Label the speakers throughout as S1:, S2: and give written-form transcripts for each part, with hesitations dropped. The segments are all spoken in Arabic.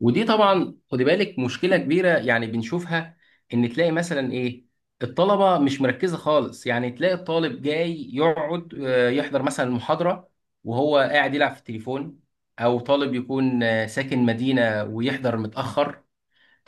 S1: ودي طبعا خدي بالك، مشكله كبيره يعني بنشوفها. ان تلاقي مثلا ايه، الطلبه مش مركزه خالص. يعني تلاقي الطالب جاي يقعد، يحضر مثلا المحاضره وهو قاعد يلعب في التليفون. او طالب يكون ساكن مدينه ويحضر متاخر.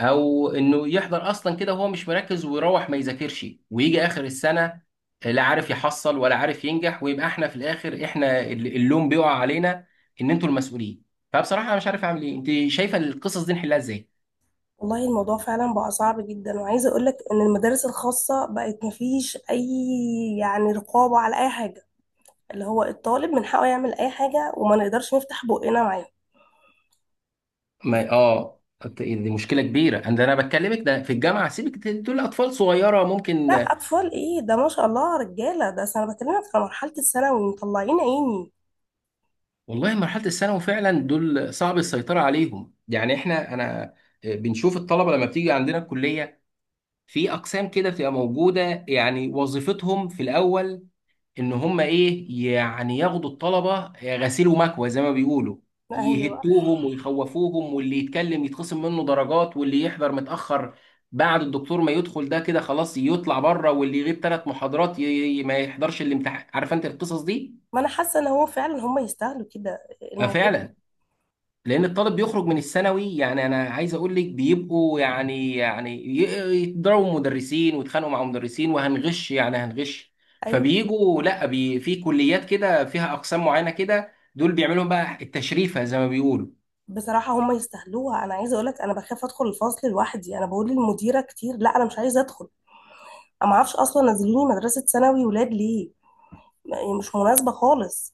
S1: او انه يحضر اصلا كده وهو مش مركز ويروح ما يذاكرش، ويجي اخر السنه لا عارف يحصل ولا عارف ينجح. ويبقى احنا في الاخر، احنا اللوم بيقع علينا، ان انتوا المسؤولين. فبصراحه انا مش عارف اعمل ايه، انت شايفه القصص دي نحلها ازاي؟
S2: والله الموضوع فعلا بقى صعب جدا، وعايزه اقول لك ان المدارس الخاصه بقت مفيش اي، يعني، رقابه على اي حاجه. اللي هو الطالب من حقه يعمل اي حاجه وما نقدرش نفتح بقنا معاه.
S1: ما دي مشكله كبيره، انا بكلمك ده في الجامعه، سيبك، دول اطفال صغيره
S2: لا
S1: ممكن.
S2: اطفال ايه ده، ما شاء الله رجاله ده. أصل انا بكلمك في مرحله الثانوي مطلعين عيني.
S1: والله مرحله الثانوي فعلا دول صعب السيطره عليهم. يعني احنا انا بنشوف الطلبه لما بتيجي عندنا الكليه. في اقسام كده بتبقى موجوده، يعني وظيفتهم في الاول ان هم ايه؟ يعني ياخدوا الطلبه غسيل ومكوى زي ما بيقولوا،
S2: ايوه.
S1: يهتوهم ويخوفوهم، واللي يتكلم يتخصم منه درجات، واللي يحضر متاخر بعد الدكتور ما يدخل ده كده خلاص يطلع بره، واللي يغيب 3 محاضرات ما يحضرش الامتحان. عارف انت القصص دي.
S2: ما انا حاسه ان هو فعلا هم يستاهلوا كده،
S1: آه،
S2: الموضوع.
S1: فعلا. لان الطالب بيخرج من الثانوي، يعني انا عايز اقول لك بيبقوا يعني يضربوا مدرسين ويتخانقوا مع مدرسين، وهنغش يعني هنغش.
S2: ايوه،
S1: فبيجوا لا بي في كليات كده فيها اقسام معينه كده، دول بيعملوا لهم بقى التشريفه زي ما بيقولوا.
S2: بصراحه هم يستاهلوها. انا عايزه اقول لك، انا بخاف ادخل الفصل لوحدي. انا بقول للمديره كتير لا انا مش عايزه ادخل. انا ما اعرفش اصلا نزلوني مدرسه ثانوي ولاد ليه، هي مش مناسبة خالص.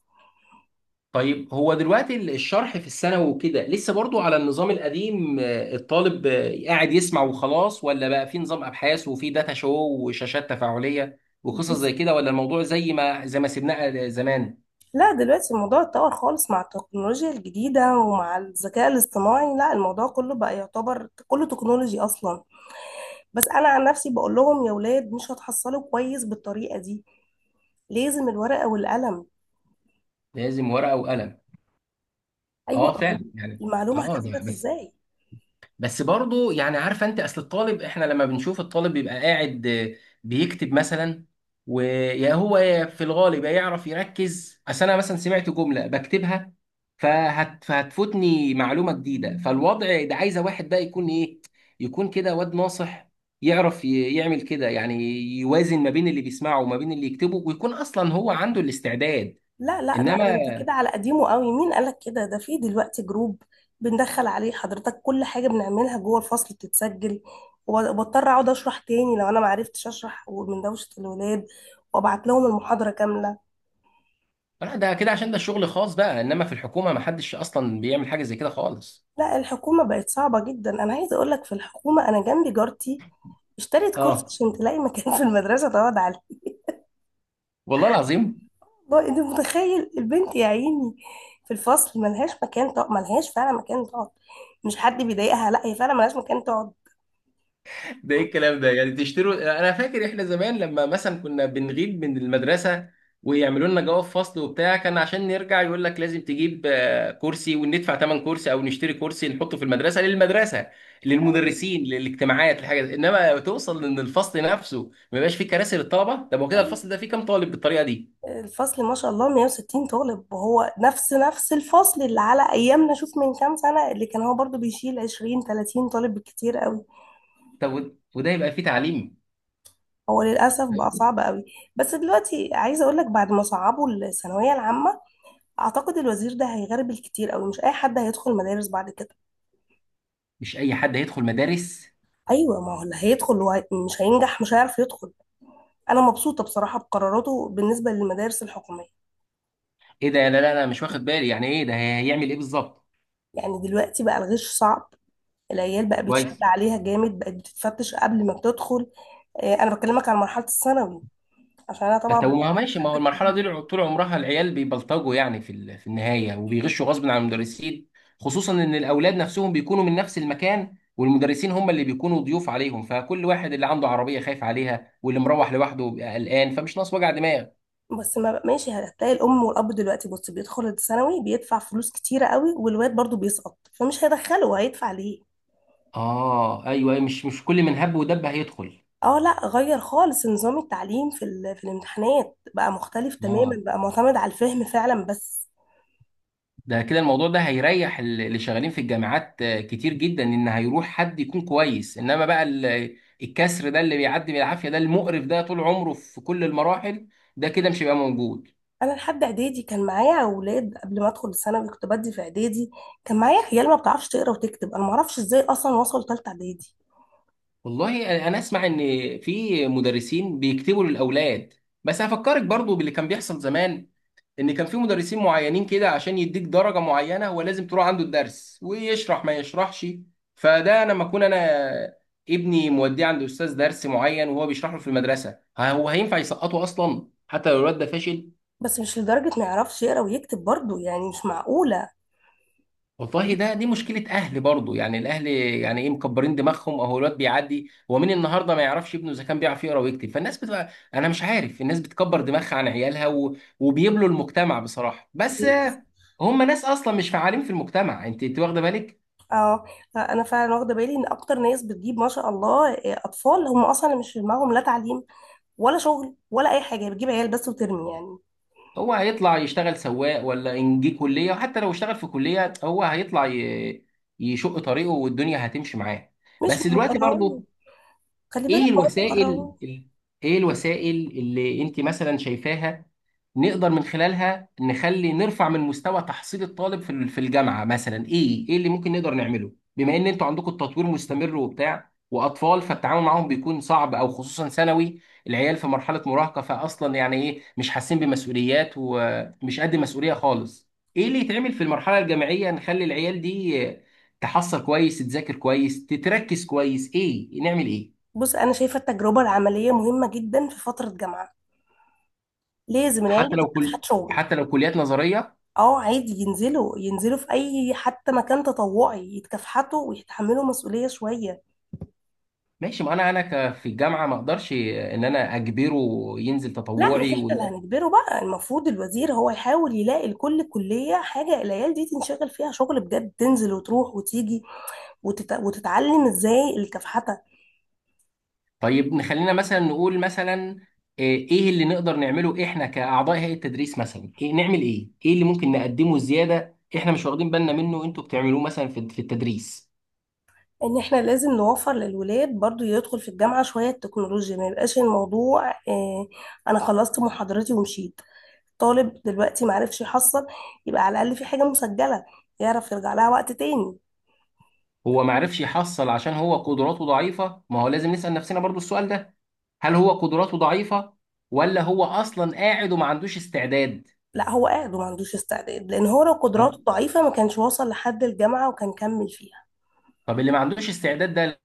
S1: طيب هو دلوقتي الشرح في الثانوي وكده لسه برضو على النظام القديم، الطالب قاعد يسمع وخلاص؟ ولا بقى في نظام ابحاث وفي داتا شو وشاشات تفاعليه وقصص
S2: بس
S1: زي كده؟ ولا الموضوع زي ما سيبناه زمان؟
S2: لا دلوقتي الموضوع اتطور خالص مع التكنولوجيا الجديدة ومع الذكاء الاصطناعي. لا الموضوع كله بقى يعتبر كله تكنولوجي أصلا. بس أنا عن نفسي بقول لهم يا ولاد مش هتحصلوا كويس بالطريقة دي، لازم الورقة والقلم.
S1: لازم ورقه وقلم.
S2: أيوة
S1: اه، فعلا
S2: أمال،
S1: يعني.
S2: المعلومة
S1: اه،
S2: هتثبت
S1: ده بس.
S2: إزاي؟
S1: بس برضه يعني، عارفه انت، اصل الطالب احنا لما بنشوف الطالب بيبقى قاعد، بيكتب مثلا. ويا هو يا في الغالب يا يعرف يركز، اصل انا مثلا سمعت جمله بكتبها فهتفوتني معلومه جديده. فالوضع ده عايزه واحد بقى يكون ايه؟ يكون كده واد ناصح، يعرف يعمل كده يعني، يوازن ما بين اللي بيسمعه وما بين اللي يكتبه، ويكون اصلا هو عنده الاستعداد.
S2: لا لا لا، ده
S1: انما.
S2: انت كده على قديمه قوي. مين قالك كده؟ ده في دلوقتي جروب بندخل عليه حضرتك، كل حاجة بنعملها جوه الفصل بتتسجل. وبضطر اقعد اشرح تاني لو انا معرفتش اشرح من دوشة الولاد، وابعت لهم المحاضرة كاملة.
S1: لا، ده كده عشان ده شغل خاص بقى، انما في الحكومه ما حدش اصلا بيعمل حاجه زي كده خالص.
S2: لا الحكومة بقت صعبة جدا. انا عايزة اقولك، في الحكومة انا جنبي جارتي اشترت كرسي
S1: اه،
S2: عشان تلاقي مكان في المدرسة تقعد عليه.
S1: والله العظيم.
S2: والله انت متخيل، البنت يا عيني في الفصل ملهاش مكان تقعد، ملهاش فعلا مكان تقعد. مش حد بيضايقها، لا هي فعلا ملهاش مكان تقعد.
S1: ده ايه الكلام ده؟ يعني تشتروا؟ انا فاكر احنا زمان لما مثلا كنا بنغيب من المدرسه، ويعملوا لنا جواب فصل وبتاع كان عشان نرجع، يقول لك لازم تجيب كرسي وندفع ثمن كرسي، او نشتري كرسي نحطه في المدرسه، للمدرسه، للمدرسين، للاجتماعات، لحاجه انما توصل ان الفصل نفسه ما يبقاش فيه كراسي للطلبه؟ طب هو كده الفصل ده فيه كام طالب بالطريقه دي؟
S2: الفصل ما شاء الله 160 طالب. وهو نفس الفصل اللي على ايامنا، شوف من كام سنة اللي كان هو برضو بيشيل 20 30 طالب بالكتير قوي.
S1: طب وده يبقى فيه تعليم؟
S2: هو للاسف بقى صعب قوي. بس دلوقتي عايزة اقول لك، بعد ما صعبوا الثانوية العامة اعتقد الوزير ده هيغرب الكتير قوي. مش اي حد هيدخل مدارس بعد كده.
S1: مش اي حد هيدخل مدارس.
S2: ايوه، ما هو اللي هيدخل مش هينجح، مش هيعرف يدخل. انا مبسوطة بصراحة بقراراته بالنسبة للمدارس الحكومية.
S1: ايه ده؟ لا لا لا، مش واخد بالي. يعني ايه ده؟ هيعمل ايه بالظبط؟
S2: يعني دلوقتي بقى الغش صعب، العيال بقى بيتشد
S1: كويس.
S2: عليها جامد، بقت بتتفتش قبل ما بتدخل. انا بكلمك على مرحله الثانوي عشان انا طبعا
S1: حتى ما هو
S2: ببقى
S1: ماشي، ما هو
S2: احتكت
S1: المرحله
S2: بيهم.
S1: دي طول عمرها العيال بيبلطجوا يعني في النهايه، وبيغشوا غصب عن المدرسين. خصوصا ان الاولاد نفسهم بيكونوا من نفس المكان والمدرسين هم اللي بيكونوا ضيوف عليهم، فكل واحد اللي عنده عربيه خايف عليها واللي مروح لوحده بيبقى قلقان، فمش ناقص وجع دماغ.
S2: بس ما بقى- ماشي، هتلاقي الام والاب دلوقتي بص بيدخل الثانوي بيدفع فلوس كتيره قوي، والواد برضو بيسقط، فمش هيدخله هيدفع ليه.
S1: اه، ايوه، أيوة، مش كل من هب ودب هيدخل.
S2: اه لا، غير خالص نظام التعليم في الامتحانات بقى مختلف تماما،
S1: اه،
S2: بقى معتمد على الفهم فعلا. بس
S1: ده كده الموضوع ده هيريح اللي شغالين في الجامعات كتير جدا، ان هيروح حد يكون كويس. انما بقى الكسر ده اللي بيعدي بالعافيه، ده المقرف، ده طول عمره في كل المراحل، ده كده مش هيبقى موجود.
S2: انا لحد اعدادي كان معايا اولاد قبل ما ادخل الثانوي كنت بدي في اعدادي، كان معايا عيال ما بتعرفش تقرا وتكتب. انا ما اعرفش ازاي اصلا وصلوا ثالثه اعدادي.
S1: والله انا اسمع ان في مدرسين بيكتبوا للاولاد. بس هفكرك برضو باللي كان بيحصل زمان، ان كان في مدرسين معينين كده عشان يديك درجه معينه هو لازم تروح عنده الدرس، ويشرح ما يشرحش. فده انا لما اكون انا ابني موديه عند استاذ درس معين وهو بيشرح له في المدرسه، ها هو هينفع يسقطه اصلا حتى لو الواد ده فاشل؟
S2: بس مش لدرجه ما يعرفش يقرا ويكتب برضو، يعني مش معقوله.
S1: والله دي مشكلة أهل برضه، يعني الأهل يعني إيه مكبرين دماغهم؟ أهو الواد بيعدي، هو مين النهاردة ما يعرفش ابنه إذا كان بيعرف يقرأ ويكتب؟ فالناس بتبقى، أنا مش عارف، الناس بتكبر دماغها عن عيالها وبيبلوا المجتمع بصراحة. بس هم ناس أصلا مش فعالين في المجتمع. أنت واخدة بالك؟
S2: اه، انا فعلا واخده بالي ان اكتر ناس بتجيب ما شاء الله اطفال هم اصلا مش في دماغهم لا تعليم ولا شغل ولا اي حاجه، بتجيب عيال بس وترمي يعني.
S1: هو هيطلع يشتغل سواق ولا إن جه كلية، وحتى لو اشتغل في كلية هو هيطلع يشق طريقه والدنيا هتمشي معاه.
S2: مش
S1: بس دلوقتي
S2: مكرهون،
S1: برضه،
S2: خلي بالك
S1: إيه
S2: هو
S1: الوسائل
S2: مكرهون.
S1: ال- إيه الوسائل اللي أنت مثلا شايفاها نقدر من خلالها نخلي نرفع من مستوى تحصيل الطالب في الجامعه مثلا؟ ايه اللي ممكن نقدر نعمله بما ان انتوا عندكم التطوير مستمر وبتاع، واطفال فالتعامل معاهم بيكون صعب، او خصوصا ثانوي، العيال في مرحله مراهقه فاصلا يعني، ايه مش حاسين بمسؤوليات ومش قد مسؤوليه خالص. ايه اللي يتعمل في المرحله الجامعيه نخلي العيال دي تحصل كويس، تذاكر كويس، تتركز كويس؟ ايه نعمل ايه؟
S2: بص انا شايفه التجربه العمليه مهمه جدا في فتره جامعه، لازم العيال
S1: حتى
S2: دي
S1: لو كل
S2: تتكافحت شغل.
S1: حتى لو كليات نظريه.
S2: اه عادي، ينزلوا ينزلوا في اي حتى مكان تطوعي، يتكافحتوا ويتحملوا مسؤوليه شويه.
S1: ماشي، ما انا في الجامعه ما اقدرش ان انا اجبره ينزل
S2: لا مش
S1: تطوعي
S2: احنا اللي هنجبره بقى، المفروض الوزير هو يحاول يلاقي لكل كلية حاجة العيال دي تنشغل فيها شغل بجد، تنزل وتروح وتيجي وتتعلم ازاي الكفحتة.
S1: طيب نخلينا مثلا نقول مثلا، إيه اللي نقدر نعمله احنا كاعضاء هيئه التدريس مثلا؟ إيه نعمل ايه اللي ممكن نقدمه زياده، احنا مش واخدين بالنا منه انتوا بتعملوه مثلا في التدريس؟
S2: ان احنا لازم نوفر للولاد برضو يدخل في الجامعة شوية تكنولوجيا، ما يبقاش الموضوع اه انا خلصت محاضرتي ومشيت. طالب دلوقتي معرفش يحصل، يبقى على الأقل في حاجة مسجلة يعرف يرجع لها وقت تاني.
S1: هو ما عرفش يحصل عشان هو قدراته ضعيفه، ما هو لازم نسال نفسنا برضو السؤال ده، هل هو قدراته ضعيفه ولا هو اصلا قاعد وما عندوش استعداد؟
S2: لا هو قاعد وما عندوش استعداد، لان هو لو
S1: طب
S2: قدراته ضعيفة ما كانش وصل لحد الجامعة وكان كمل فيها.
S1: طب اللي ما عندوش استعداد ده.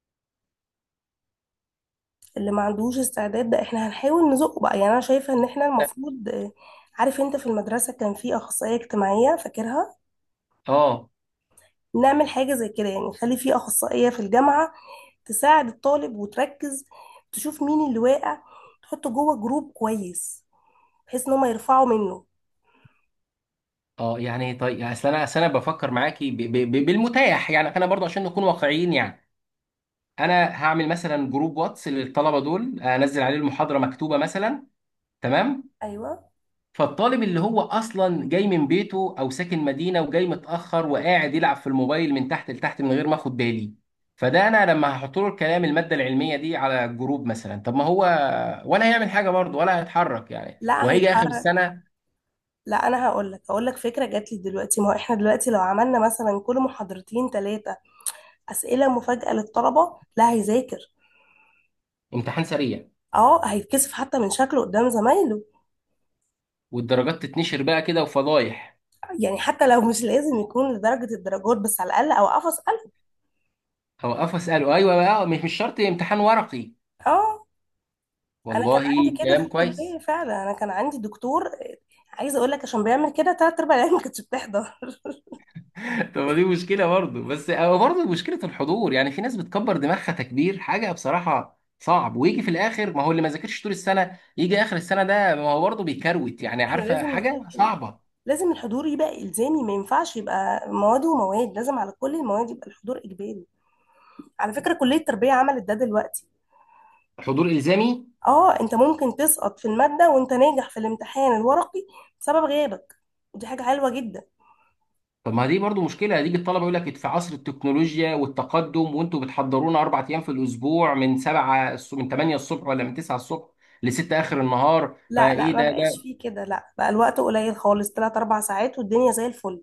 S2: اللي ما عندوش استعداد ده احنا هنحاول نزقه بقى. يعني انا شايفة ان احنا المفروض، عارف انت في المدرسة كان في أخصائية اجتماعية فاكرها،
S1: اه
S2: نعمل حاجة زي كده يعني. خلي في أخصائية في الجامعة تساعد الطالب وتركز، تشوف مين اللي واقع تحطه جوه جروب كويس بحيث ان هم يرفعوا منه.
S1: اه، يعني طيب يعني، اصل انا بفكر معاكي بالمتاح يعني، انا برضه عشان نكون واقعيين يعني. انا هعمل مثلا جروب واتس للطلبه دول، انزل عليه المحاضره مكتوبه مثلا. تمام.
S2: ايوه.
S1: فالطالب اللي هو اصلا جاي من بيته او ساكن مدينه وجاي متاخر وقاعد يلعب في الموبايل من تحت لتحت من غير ما اخد بالي، فده انا لما هحط له الكلام الماده العلميه دي على الجروب مثلا، طب ما هو ولا هيعمل حاجه برضه ولا هيتحرك يعني،
S2: لا
S1: وهيجي اخر
S2: هيتحرك.
S1: السنه.
S2: لا انا هقول لك هقول لك فكره جات لي دلوقتي، ما هو احنا دلوقتي لو عملنا مثلا كل محاضرتين ثلاثه اسئله مفاجاه للطلبه، لا هيذاكر.
S1: امتحان سريع.
S2: اه هيتكسف حتى من شكله قدام زمايله.
S1: والدرجات تتنشر بقى كده وفضايح.
S2: يعني حتى لو مش لازم يكون لدرجة الدرجات، بس على الأقل أوقفه أسأله.
S1: هوقفه اساله، ايوه بقى، مش شرط امتحان ورقي.
S2: اه، أنا كان
S1: والله
S2: عندي كده في
S1: كلام كويس.
S2: الكلية فعلا. أنا كان عندي دكتور، عايزة أقول لك، عشان بيعمل كده تلات أرباع العيال ما كانتش بتحضر
S1: طب ما دي مشكله برضه، بس او برضه مشكله الحضور يعني، في ناس بتكبر دماغها تكبير حاجه بصراحه صعب. ويجي في الاخر، ما هو اللي ما ذاكرش طول السنه يجي اخر السنه ده ما هو برضه بيكروت يعني،
S2: احنا
S1: عارفه،
S2: لازم
S1: حاجه
S2: نخلي
S1: صعبه.
S2: لازم الحضور يبقى إلزامي، ما ينفعش يبقى مواد ومواد، لازم على كل المواد يبقى الحضور إجباري. على فكرة كلية التربية عملت ده دلوقتي.
S1: حضور الزامي.
S2: اه، انت ممكن تسقط في المادة وانت ناجح في الامتحان الورقي بسبب غيابك، ودي حاجة حلوة جدا.
S1: طب ما دي برضه مشكله، هتيجي الطلبه يقول لك في عصر التكنولوجيا والتقدم وانتوا بتحضرونا 4 ايام في الاسبوع من 7 من 8 الصبح ولا من 9 الصبح لستة اخر النهار،
S2: لا لا،
S1: فايه
S2: ما
S1: ده
S2: بقاش
S1: ده
S2: فيه كده، لا بقى الوقت قليل خالص، تلات أربع ساعات والدنيا زي الفل.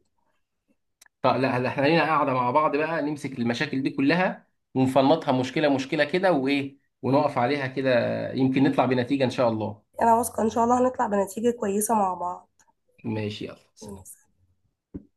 S1: طب لا لا، احنا لينا قاعده مع بعض بقى نمسك المشاكل دي كلها، ونفنطها مشكله مشكله كده وايه، ونقف عليها كده. يمكن نطلع بنتيجه ان شاء الله.
S2: أنا واثقة إن شاء الله هنطلع بنتيجة كويسة مع
S1: ماشي، يلا.
S2: بعض.